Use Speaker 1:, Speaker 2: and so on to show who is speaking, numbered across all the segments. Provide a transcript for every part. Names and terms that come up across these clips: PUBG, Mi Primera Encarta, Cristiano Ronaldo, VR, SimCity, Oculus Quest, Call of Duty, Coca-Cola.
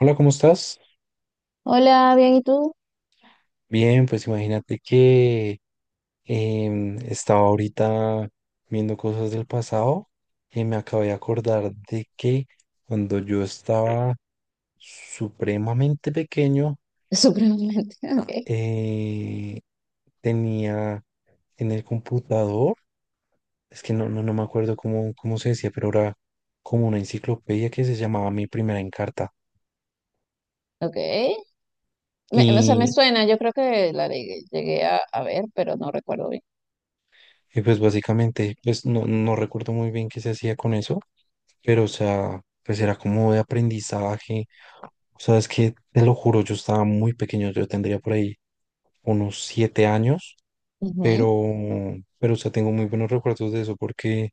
Speaker 1: Hola, ¿cómo estás?
Speaker 2: Hola, bien, ¿y tú?
Speaker 1: Bien, pues imagínate que estaba ahorita viendo cosas del pasado y me acabé de acordar de que cuando yo estaba supremamente pequeño
Speaker 2: Supremamente. Ok,
Speaker 1: eh, tenía en el computador, es que no me acuerdo cómo se decía, pero era como una enciclopedia que se llamaba Mi Primera Encarta.
Speaker 2: ok. Me, o sea, me suena, yo creo que la llegué, llegué a ver, pero no recuerdo bien.
Speaker 1: Y pues básicamente, pues no recuerdo muy bien qué se hacía con eso, pero o sea, pues era como de aprendizaje. O sea, es que te lo juro, yo estaba muy pequeño, yo tendría por ahí unos 7 años, pero,
Speaker 2: Ujú.
Speaker 1: pero o sea, tengo muy buenos recuerdos de eso porque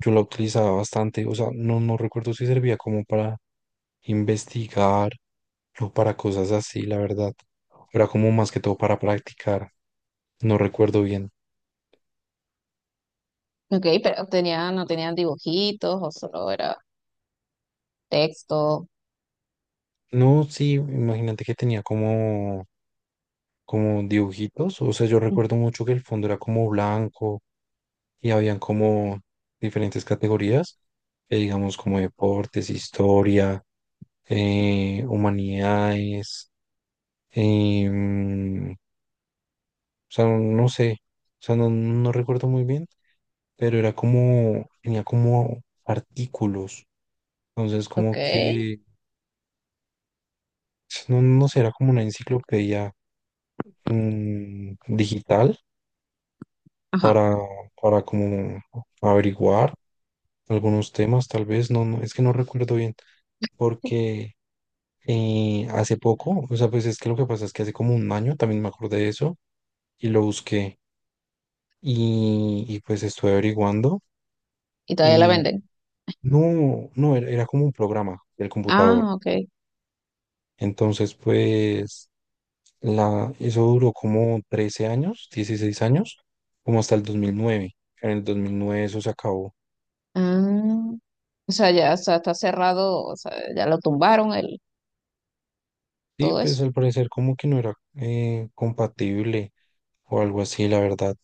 Speaker 1: yo la utilizaba bastante. O sea, no recuerdo si servía como para investigar o para cosas así, la verdad. Era como más que todo para practicar. No recuerdo bien.
Speaker 2: Ok, pero tenía, no tenían dibujitos o solo era texto.
Speaker 1: No, sí, imagínate que tenía como dibujitos, o sea, yo recuerdo mucho que el fondo era como blanco y habían como diferentes categorías, digamos como deportes, historia, humanidades, o sea, no sé, o sea, no recuerdo muy bien, pero era como, tenía como artículos, entonces
Speaker 2: Ok.
Speaker 1: como que, no sé, era como una enciclopedia, digital
Speaker 2: Ajá.
Speaker 1: para, para como averiguar algunos temas, tal vez, es que no recuerdo bien, porque hace poco, o sea, pues es que lo que pasa es que hace como un año también me acordé de eso y lo busqué y pues estuve averiguando
Speaker 2: Y todavía la
Speaker 1: y
Speaker 2: venden.
Speaker 1: no, era como un programa del computador.
Speaker 2: Ah, ok.
Speaker 1: Entonces, pues, eso duró como 13 años, 16 años, como hasta el 2009. En el 2009 eso se acabó.
Speaker 2: Ah, o sea, ya, o sea, está cerrado, o sea, ya lo tumbaron
Speaker 1: Sí,
Speaker 2: todo
Speaker 1: pues
Speaker 2: eso.
Speaker 1: al parecer como que no era compatible o algo así, la verdad.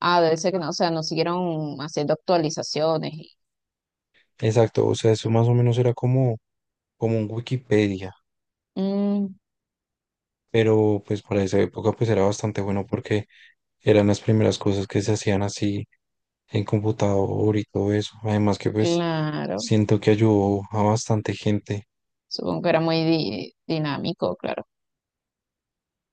Speaker 2: Ah, debe ser que no, o sea, no siguieron haciendo actualizaciones. Y...
Speaker 1: Exacto, o sea, eso más o menos era como un Wikipedia,
Speaker 2: mm,
Speaker 1: pero pues para esa época pues era bastante bueno porque eran las primeras cosas que se hacían así en computador y todo eso. Además que pues
Speaker 2: claro.
Speaker 1: siento que ayudó a bastante gente.
Speaker 2: Supongo que era muy dinámico, claro.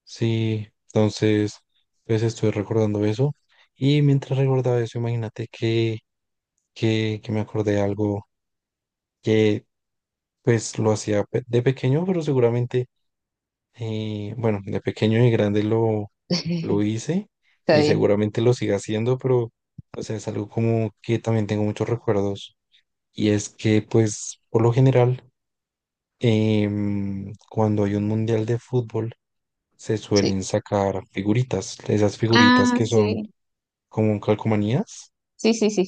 Speaker 1: Sí, entonces pues estoy recordando eso. Y mientras recordaba eso, imagínate que me acordé de algo. Pues lo hacía de pequeño, pero seguramente, bueno, de pequeño y grande lo hice
Speaker 2: Está
Speaker 1: y
Speaker 2: bien,
Speaker 1: seguramente lo siga haciendo, pero o sea, es algo como que también tengo muchos recuerdos. Y es que, pues, por lo general, cuando hay un mundial de fútbol, se
Speaker 2: sí.
Speaker 1: suelen sacar figuritas, esas figuritas
Speaker 2: Ah,
Speaker 1: que
Speaker 2: sí,
Speaker 1: son como calcomanías.
Speaker 2: sí, sí, sí.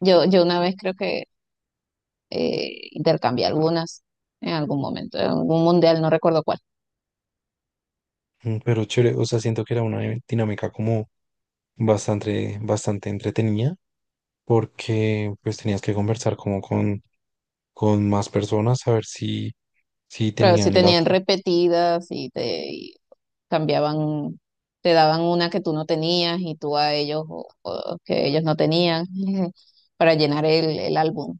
Speaker 2: Yo una vez creo que intercambié algunas en algún momento, en algún mundial, no recuerdo cuál.
Speaker 1: Pero chévere, o sea, siento que era una dinámica como bastante, bastante entretenida porque pues tenías que conversar como con más personas a ver si
Speaker 2: Pero sí
Speaker 1: tenían la...
Speaker 2: tenían repetidas y te y cambiaban, te daban una que tú no tenías y tú a ellos o que ellos no tenían. Para llenar el álbum.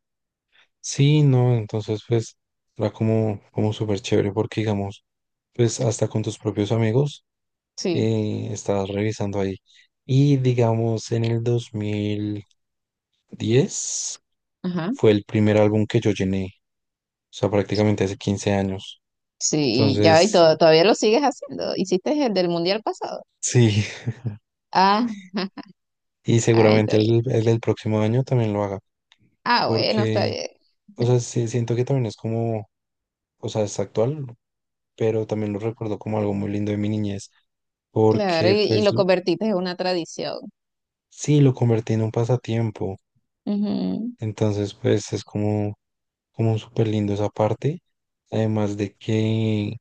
Speaker 1: Sí, no, entonces pues era como, como súper chévere porque digamos, pues hasta con tus propios amigos
Speaker 2: Sí,
Speaker 1: estabas revisando ahí. Y digamos, en el 2010
Speaker 2: ajá.
Speaker 1: fue el primer álbum que yo llené, o sea, prácticamente hace 15 años.
Speaker 2: Sí, y ya, y
Speaker 1: Entonces,
Speaker 2: todavía lo sigues haciendo. ¿Hiciste el del mundial pasado?
Speaker 1: sí,
Speaker 2: Ah.
Speaker 1: y
Speaker 2: Ahí
Speaker 1: seguramente
Speaker 2: está bien.
Speaker 1: el del próximo año también lo haga,
Speaker 2: Ah, bueno, está
Speaker 1: porque,
Speaker 2: bien.
Speaker 1: o sea, sí, siento que también es como o sea, es actual, pero también lo recuerdo como algo muy lindo de mi niñez,
Speaker 2: Claro,
Speaker 1: porque
Speaker 2: y lo convertiste en una tradición.
Speaker 1: sí, lo convertí en un pasatiempo,
Speaker 2: Ujú,
Speaker 1: entonces pues es como, como súper lindo esa parte, además de que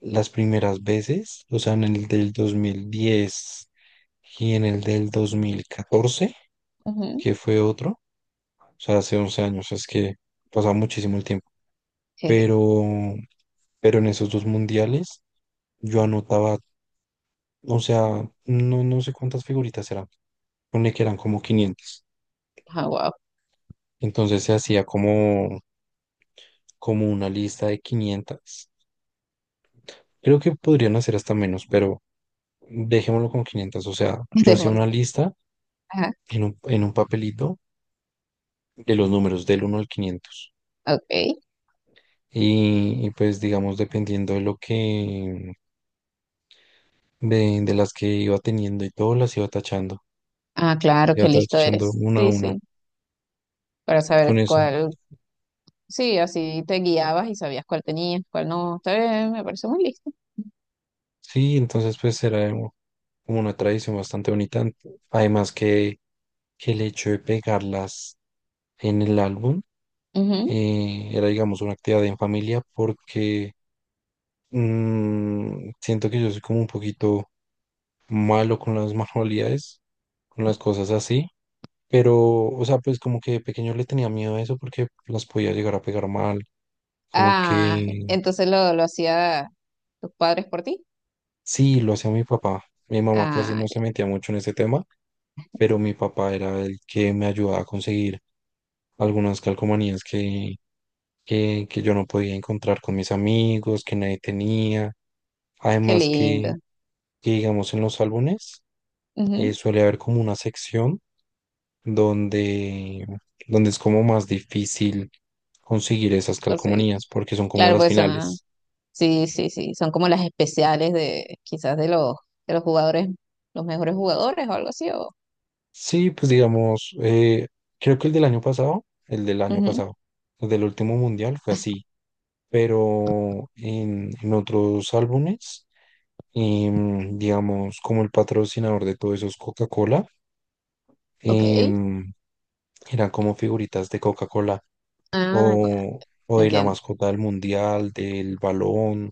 Speaker 1: las primeras veces, o sea, en el del 2010 y en el del 2014,
Speaker 2: ujú.
Speaker 1: que fue otro, o sea, hace 11 años, es que pasa muchísimo el tiempo,
Speaker 2: Jeje.
Speaker 1: pero, pero en esos dos mundiales yo anotaba... O sea, no sé cuántas figuritas eran, pone que eran como 500.
Speaker 2: Ah, wow.
Speaker 1: Entonces se hacía como, como una lista de 500. Creo que podrían hacer hasta menos, pero dejémoslo con 500. O sea, yo hacía
Speaker 2: Demás.
Speaker 1: una lista
Speaker 2: Ajá,
Speaker 1: en un papelito de los números del uno al 500.
Speaker 2: ok.
Speaker 1: Y pues digamos, dependiendo de lo que, de las que iba teniendo y todo, las iba tachando.
Speaker 2: Ah, claro,
Speaker 1: Iba
Speaker 2: qué listo
Speaker 1: tachando
Speaker 2: eres.
Speaker 1: una a
Speaker 2: Sí,
Speaker 1: una
Speaker 2: sí. Para saber
Speaker 1: con eso.
Speaker 2: cuál. Sí, así te guiabas y sabías cuál tenías, cuál no. Está bien, me parece muy listo.
Speaker 1: Sí, entonces pues era como una tradición bastante bonita. Además que, que el hecho de pegarlas en el álbum
Speaker 2: Ujú.
Speaker 1: era, digamos, una actividad en familia porque siento que yo soy como un poquito malo con las manualidades, con las cosas así. Pero, o sea, pues como que de pequeño le tenía miedo a eso porque las podía llegar a pegar mal. Como
Speaker 2: Ah,
Speaker 1: que
Speaker 2: entonces lo hacía tus padres por ti.
Speaker 1: sí, lo hacía mi papá. Mi mamá casi
Speaker 2: Ah,
Speaker 1: no
Speaker 2: ya,
Speaker 1: se metía mucho en ese tema, pero mi papá era el que me ayudaba a conseguir algunas calcomanías que yo no podía encontrar con mis amigos, que nadie tenía.
Speaker 2: qué
Speaker 1: Además
Speaker 2: lindo.
Speaker 1: que, digamos, en los álbumes
Speaker 2: Ujú,
Speaker 1: suele haber como una sección donde, donde es como más difícil conseguir esas
Speaker 2: conseguí.
Speaker 1: calcomanías porque son como
Speaker 2: Claro,
Speaker 1: las
Speaker 2: pues. Ah,
Speaker 1: finales.
Speaker 2: sí, sí, sí, son como las especiales de quizás de los jugadores, los mejores jugadores o algo así. O
Speaker 1: Sí, pues digamos, creo que el del año
Speaker 2: ujú,
Speaker 1: pasado, el del último mundial fue así, pero en otros álbumes, digamos, como el patrocinador de todos esos Coca-Cola,
Speaker 2: ok.
Speaker 1: em, eran como figuritas de Coca-Cola.
Speaker 2: Ah, ya,
Speaker 1: O, o de la
Speaker 2: entiendo.
Speaker 1: mascota del mundial, del balón,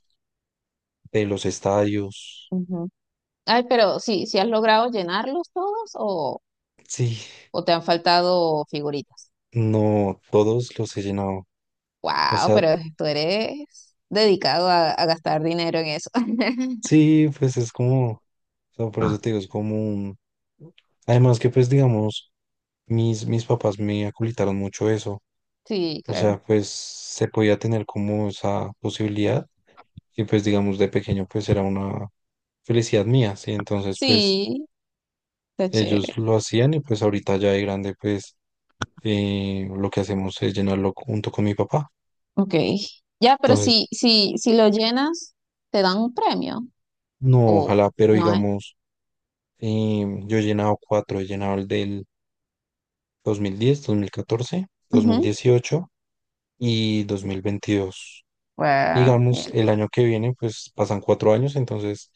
Speaker 1: de los estadios.
Speaker 2: Ujú. Ay, pero sí, ¿sí has logrado llenarlos todos, o,
Speaker 1: Sí,
Speaker 2: o te han faltado figuritas?
Speaker 1: no, todos los he llenado. O
Speaker 2: Wow,
Speaker 1: sea,
Speaker 2: pero tú eres dedicado a gastar dinero en eso.
Speaker 1: sí, pues es como, o sea, por eso te digo, es como un... Además que pues digamos, mis papás me aculitaron mucho eso.
Speaker 2: Sí,
Speaker 1: O
Speaker 2: claro.
Speaker 1: sea, pues se podía tener como esa posibilidad y pues digamos de pequeño pues era una felicidad mía, ¿sí? Entonces pues
Speaker 2: Sí, está chévere.
Speaker 1: ellos lo hacían y pues ahorita ya de grande pues lo que hacemos es llenarlo junto con mi papá.
Speaker 2: Ok. Ya, pero
Speaker 1: Entonces,
Speaker 2: si lo llenas, te dan un premio.
Speaker 1: no,
Speaker 2: O
Speaker 1: ojalá, pero
Speaker 2: no
Speaker 1: digamos, yo he llenado cuatro, he llenado el del dos dos mil mil diez, 2014, dos mil
Speaker 2: es.
Speaker 1: dieciocho y 2022.
Speaker 2: Wow,
Speaker 1: Digamos,
Speaker 2: yeah,
Speaker 1: el año que viene, pues pasan 4 años, entonces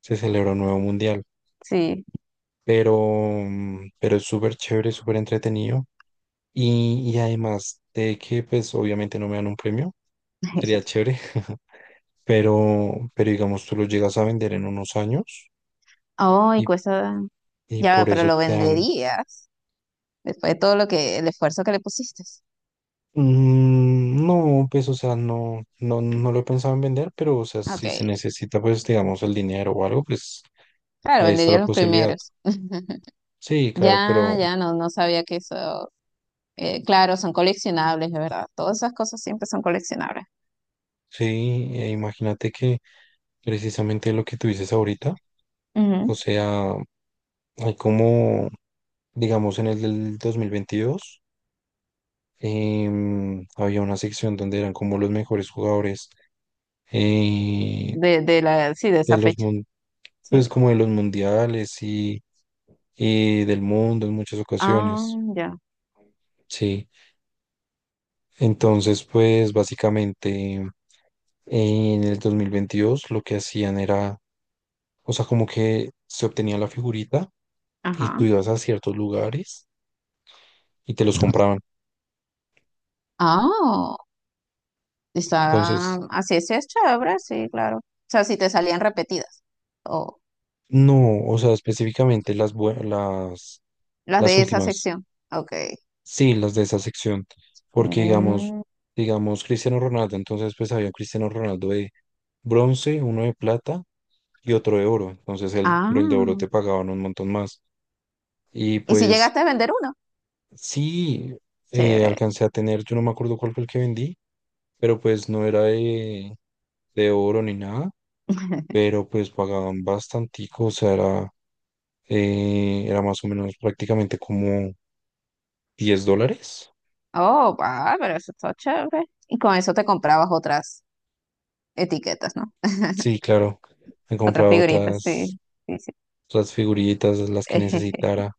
Speaker 1: se celebra un nuevo mundial.
Speaker 2: sí.
Speaker 1: Pero, pero es súper chévere, súper entretenido. Y además de que, pues obviamente no me dan un premio, sería chévere, pero digamos, tú lo llegas a vender en unos años.
Speaker 2: Oh, y
Speaker 1: Y,
Speaker 2: cuesta.
Speaker 1: y
Speaker 2: Ya,
Speaker 1: por
Speaker 2: pero
Speaker 1: eso
Speaker 2: lo
Speaker 1: te dan...
Speaker 2: venderías después de todo lo que, el esfuerzo que le pusiste.
Speaker 1: Mm, no, pues, o sea, no lo he pensado en vender, pero, o sea,
Speaker 2: Ok.
Speaker 1: si se necesita, pues, digamos, el dinero o algo, pues,
Speaker 2: Claro,
Speaker 1: ahí está
Speaker 2: venderías
Speaker 1: la
Speaker 2: los
Speaker 1: posibilidad.
Speaker 2: primeros.
Speaker 1: Sí, claro, pero
Speaker 2: Ya, ya, no, no sabía que eso. Eh, claro, son coleccionables, de verdad. Todas esas cosas siempre son coleccionables.
Speaker 1: sí, imagínate que precisamente lo que tú dices ahorita, o
Speaker 2: Ujú.
Speaker 1: sea, hay como, digamos, en el del 2022, había una sección donde eran como los mejores jugadores eh,
Speaker 2: De la, sí, de
Speaker 1: de
Speaker 2: esa
Speaker 1: los,
Speaker 2: fecha. Sí.
Speaker 1: pues, como de los mundiales y del mundo en muchas
Speaker 2: Ah,
Speaker 1: ocasiones,
Speaker 2: ya.
Speaker 1: sí. Entonces, pues básicamente en el 2022 lo que hacían era, o sea, como que se obtenía la figurita y
Speaker 2: Ajá.
Speaker 1: tú ibas a ciertos lugares y te los compraban.
Speaker 2: Ah, está.
Speaker 1: Entonces,
Speaker 2: Así es chévere, sí, claro. O sea, si te salían repetidas.
Speaker 1: no, o sea, específicamente las,
Speaker 2: Las
Speaker 1: las
Speaker 2: de esa
Speaker 1: últimas,
Speaker 2: sección. Ok.
Speaker 1: sí, las de esa sección, porque digamos,
Speaker 2: Mm.
Speaker 1: digamos Cristiano Ronaldo, entonces pues había un Cristiano Ronaldo de bronce, uno de plata y otro de oro. Entonces el, pero el de oro
Speaker 2: Ah.
Speaker 1: te pagaban un montón más. Y
Speaker 2: ¿Y si
Speaker 1: pues
Speaker 2: llegaste a vender uno?
Speaker 1: sí,
Speaker 2: Chévere.
Speaker 1: alcancé a tener, yo no me acuerdo cuál fue el que vendí, pero pues no era de oro ni nada, pero pues pagaban bastantico, o sea, era, era más o menos prácticamente como $10.
Speaker 2: Oh, va, pero eso está chévere. Y con eso te comprabas otras etiquetas, ¿no?
Speaker 1: Sí, claro, he
Speaker 2: Otras
Speaker 1: comprado
Speaker 2: figuritas, sí.
Speaker 1: otras,
Speaker 2: Sí, sí.
Speaker 1: otras figuritas, las que necesitara.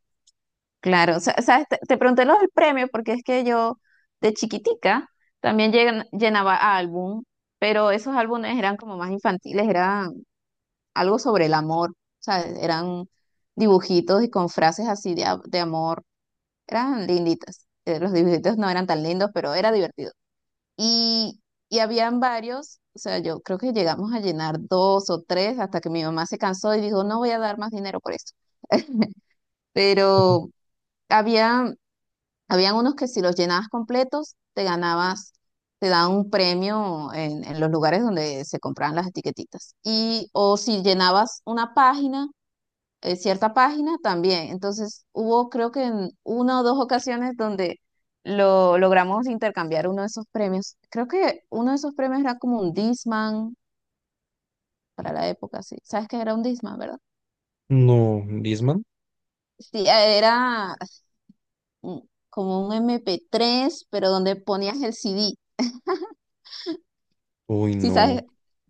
Speaker 2: Claro, sabes, te pregunté lo del premio porque es que yo de chiquitica también llenaba álbum, pero esos álbumes eran como más infantiles, eran algo sobre el amor, ¿sabes? Eran dibujitos y con frases así de, de amor, eran linditas. Los dibujitos no eran tan lindos, pero era divertido. Y, y habían varios, o sea, yo creo que llegamos a llenar dos o tres hasta que mi mamá se cansó y dijo, no voy a dar más dinero por esto.
Speaker 1: Ujú.
Speaker 2: Pero había, habían unos que si los llenabas completos, te daban un premio en los lugares donde se compraban las etiquetitas. Y, o si llenabas una página, cierta página también. Entonces hubo creo que en una o dos ocasiones donde lo logramos intercambiar uno de esos premios. Creo que uno de esos premios era como un Discman para la época, sí. ¿Sabes qué era un Discman, verdad?
Speaker 1: No, Disman.
Speaker 2: Sí, era mm, como un MP3, pero donde ponías el CD.
Speaker 1: Uy,
Speaker 2: Sí,
Speaker 1: no.
Speaker 2: sabes.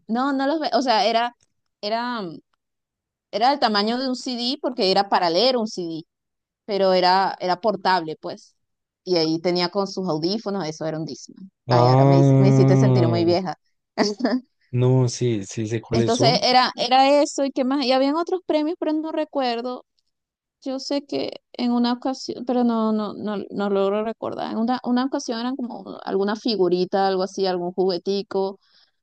Speaker 2: No, no los ve. O sea, era, mm, era del tamaño de un CD porque era para leer un CD, pero era, era portable, pues. Y ahí tenía con sus audífonos, eso era un Discman. Ay, ahora me, me hiciste sentir muy
Speaker 1: Ah,
Speaker 2: vieja.
Speaker 1: no, sí, sí sé cuáles
Speaker 2: Entonces
Speaker 1: son.
Speaker 2: era, era eso y qué más. Y habían otros premios, pero no recuerdo. Yo sé que en una ocasión, pero no, no, no, no logro recordar. En una ocasión eran como alguna figurita, algo así, algún juguetico,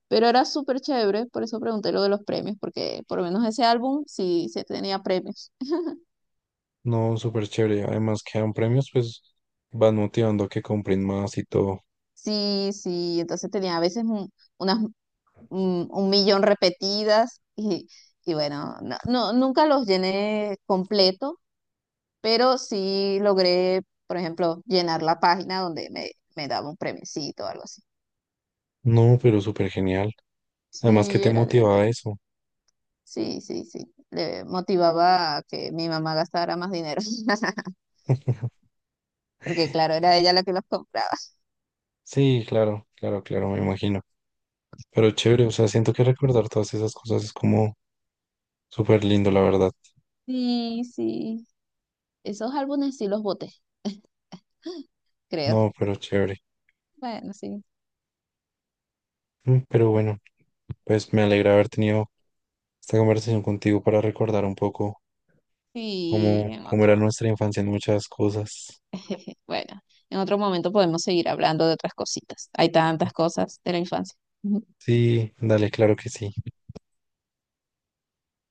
Speaker 2: pero era súper chévere, por eso pregunté lo de los premios, porque por lo menos ese álbum sí, se tenía premios.
Speaker 1: No, súper chévere. Además que dan premios, pues van motivando a que compren más y todo.
Speaker 2: Sí, sí, entonces tenía a veces unas, mm, un millón repetidas y bueno, no, nunca los llené completo, pero sí logré, por ejemplo, llenar la página donde me daba un premiecito o algo así.
Speaker 1: No, pero súper genial. Además que
Speaker 2: Sí,
Speaker 1: te
Speaker 2: era
Speaker 1: motiva a
Speaker 2: divertido.
Speaker 1: eso.
Speaker 2: Sí, sí, sí. Le motivaba a que mi mamá gastara más dinero, porque claro, era ella la que los compraba.
Speaker 1: Sí, claro, claro, claro, me imagino. Pero chévere, o sea, siento que recordar todas esas cosas es como súper lindo, la verdad.
Speaker 2: Sí, sí. Esos álbumes sí los boté, creo.
Speaker 1: No, pero chévere.
Speaker 2: Bueno, sí.
Speaker 1: Mm, pero bueno, pues me alegra haber tenido esta conversación contigo para recordar un poco
Speaker 2: Sí,
Speaker 1: cómo,
Speaker 2: en
Speaker 1: cómo era
Speaker 2: otro.
Speaker 1: nuestra infancia en muchas cosas.
Speaker 2: Bueno, en otro momento podemos seguir hablando de otras cositas. Hay tantas cosas de la infancia.
Speaker 1: Sí, dale, claro que sí.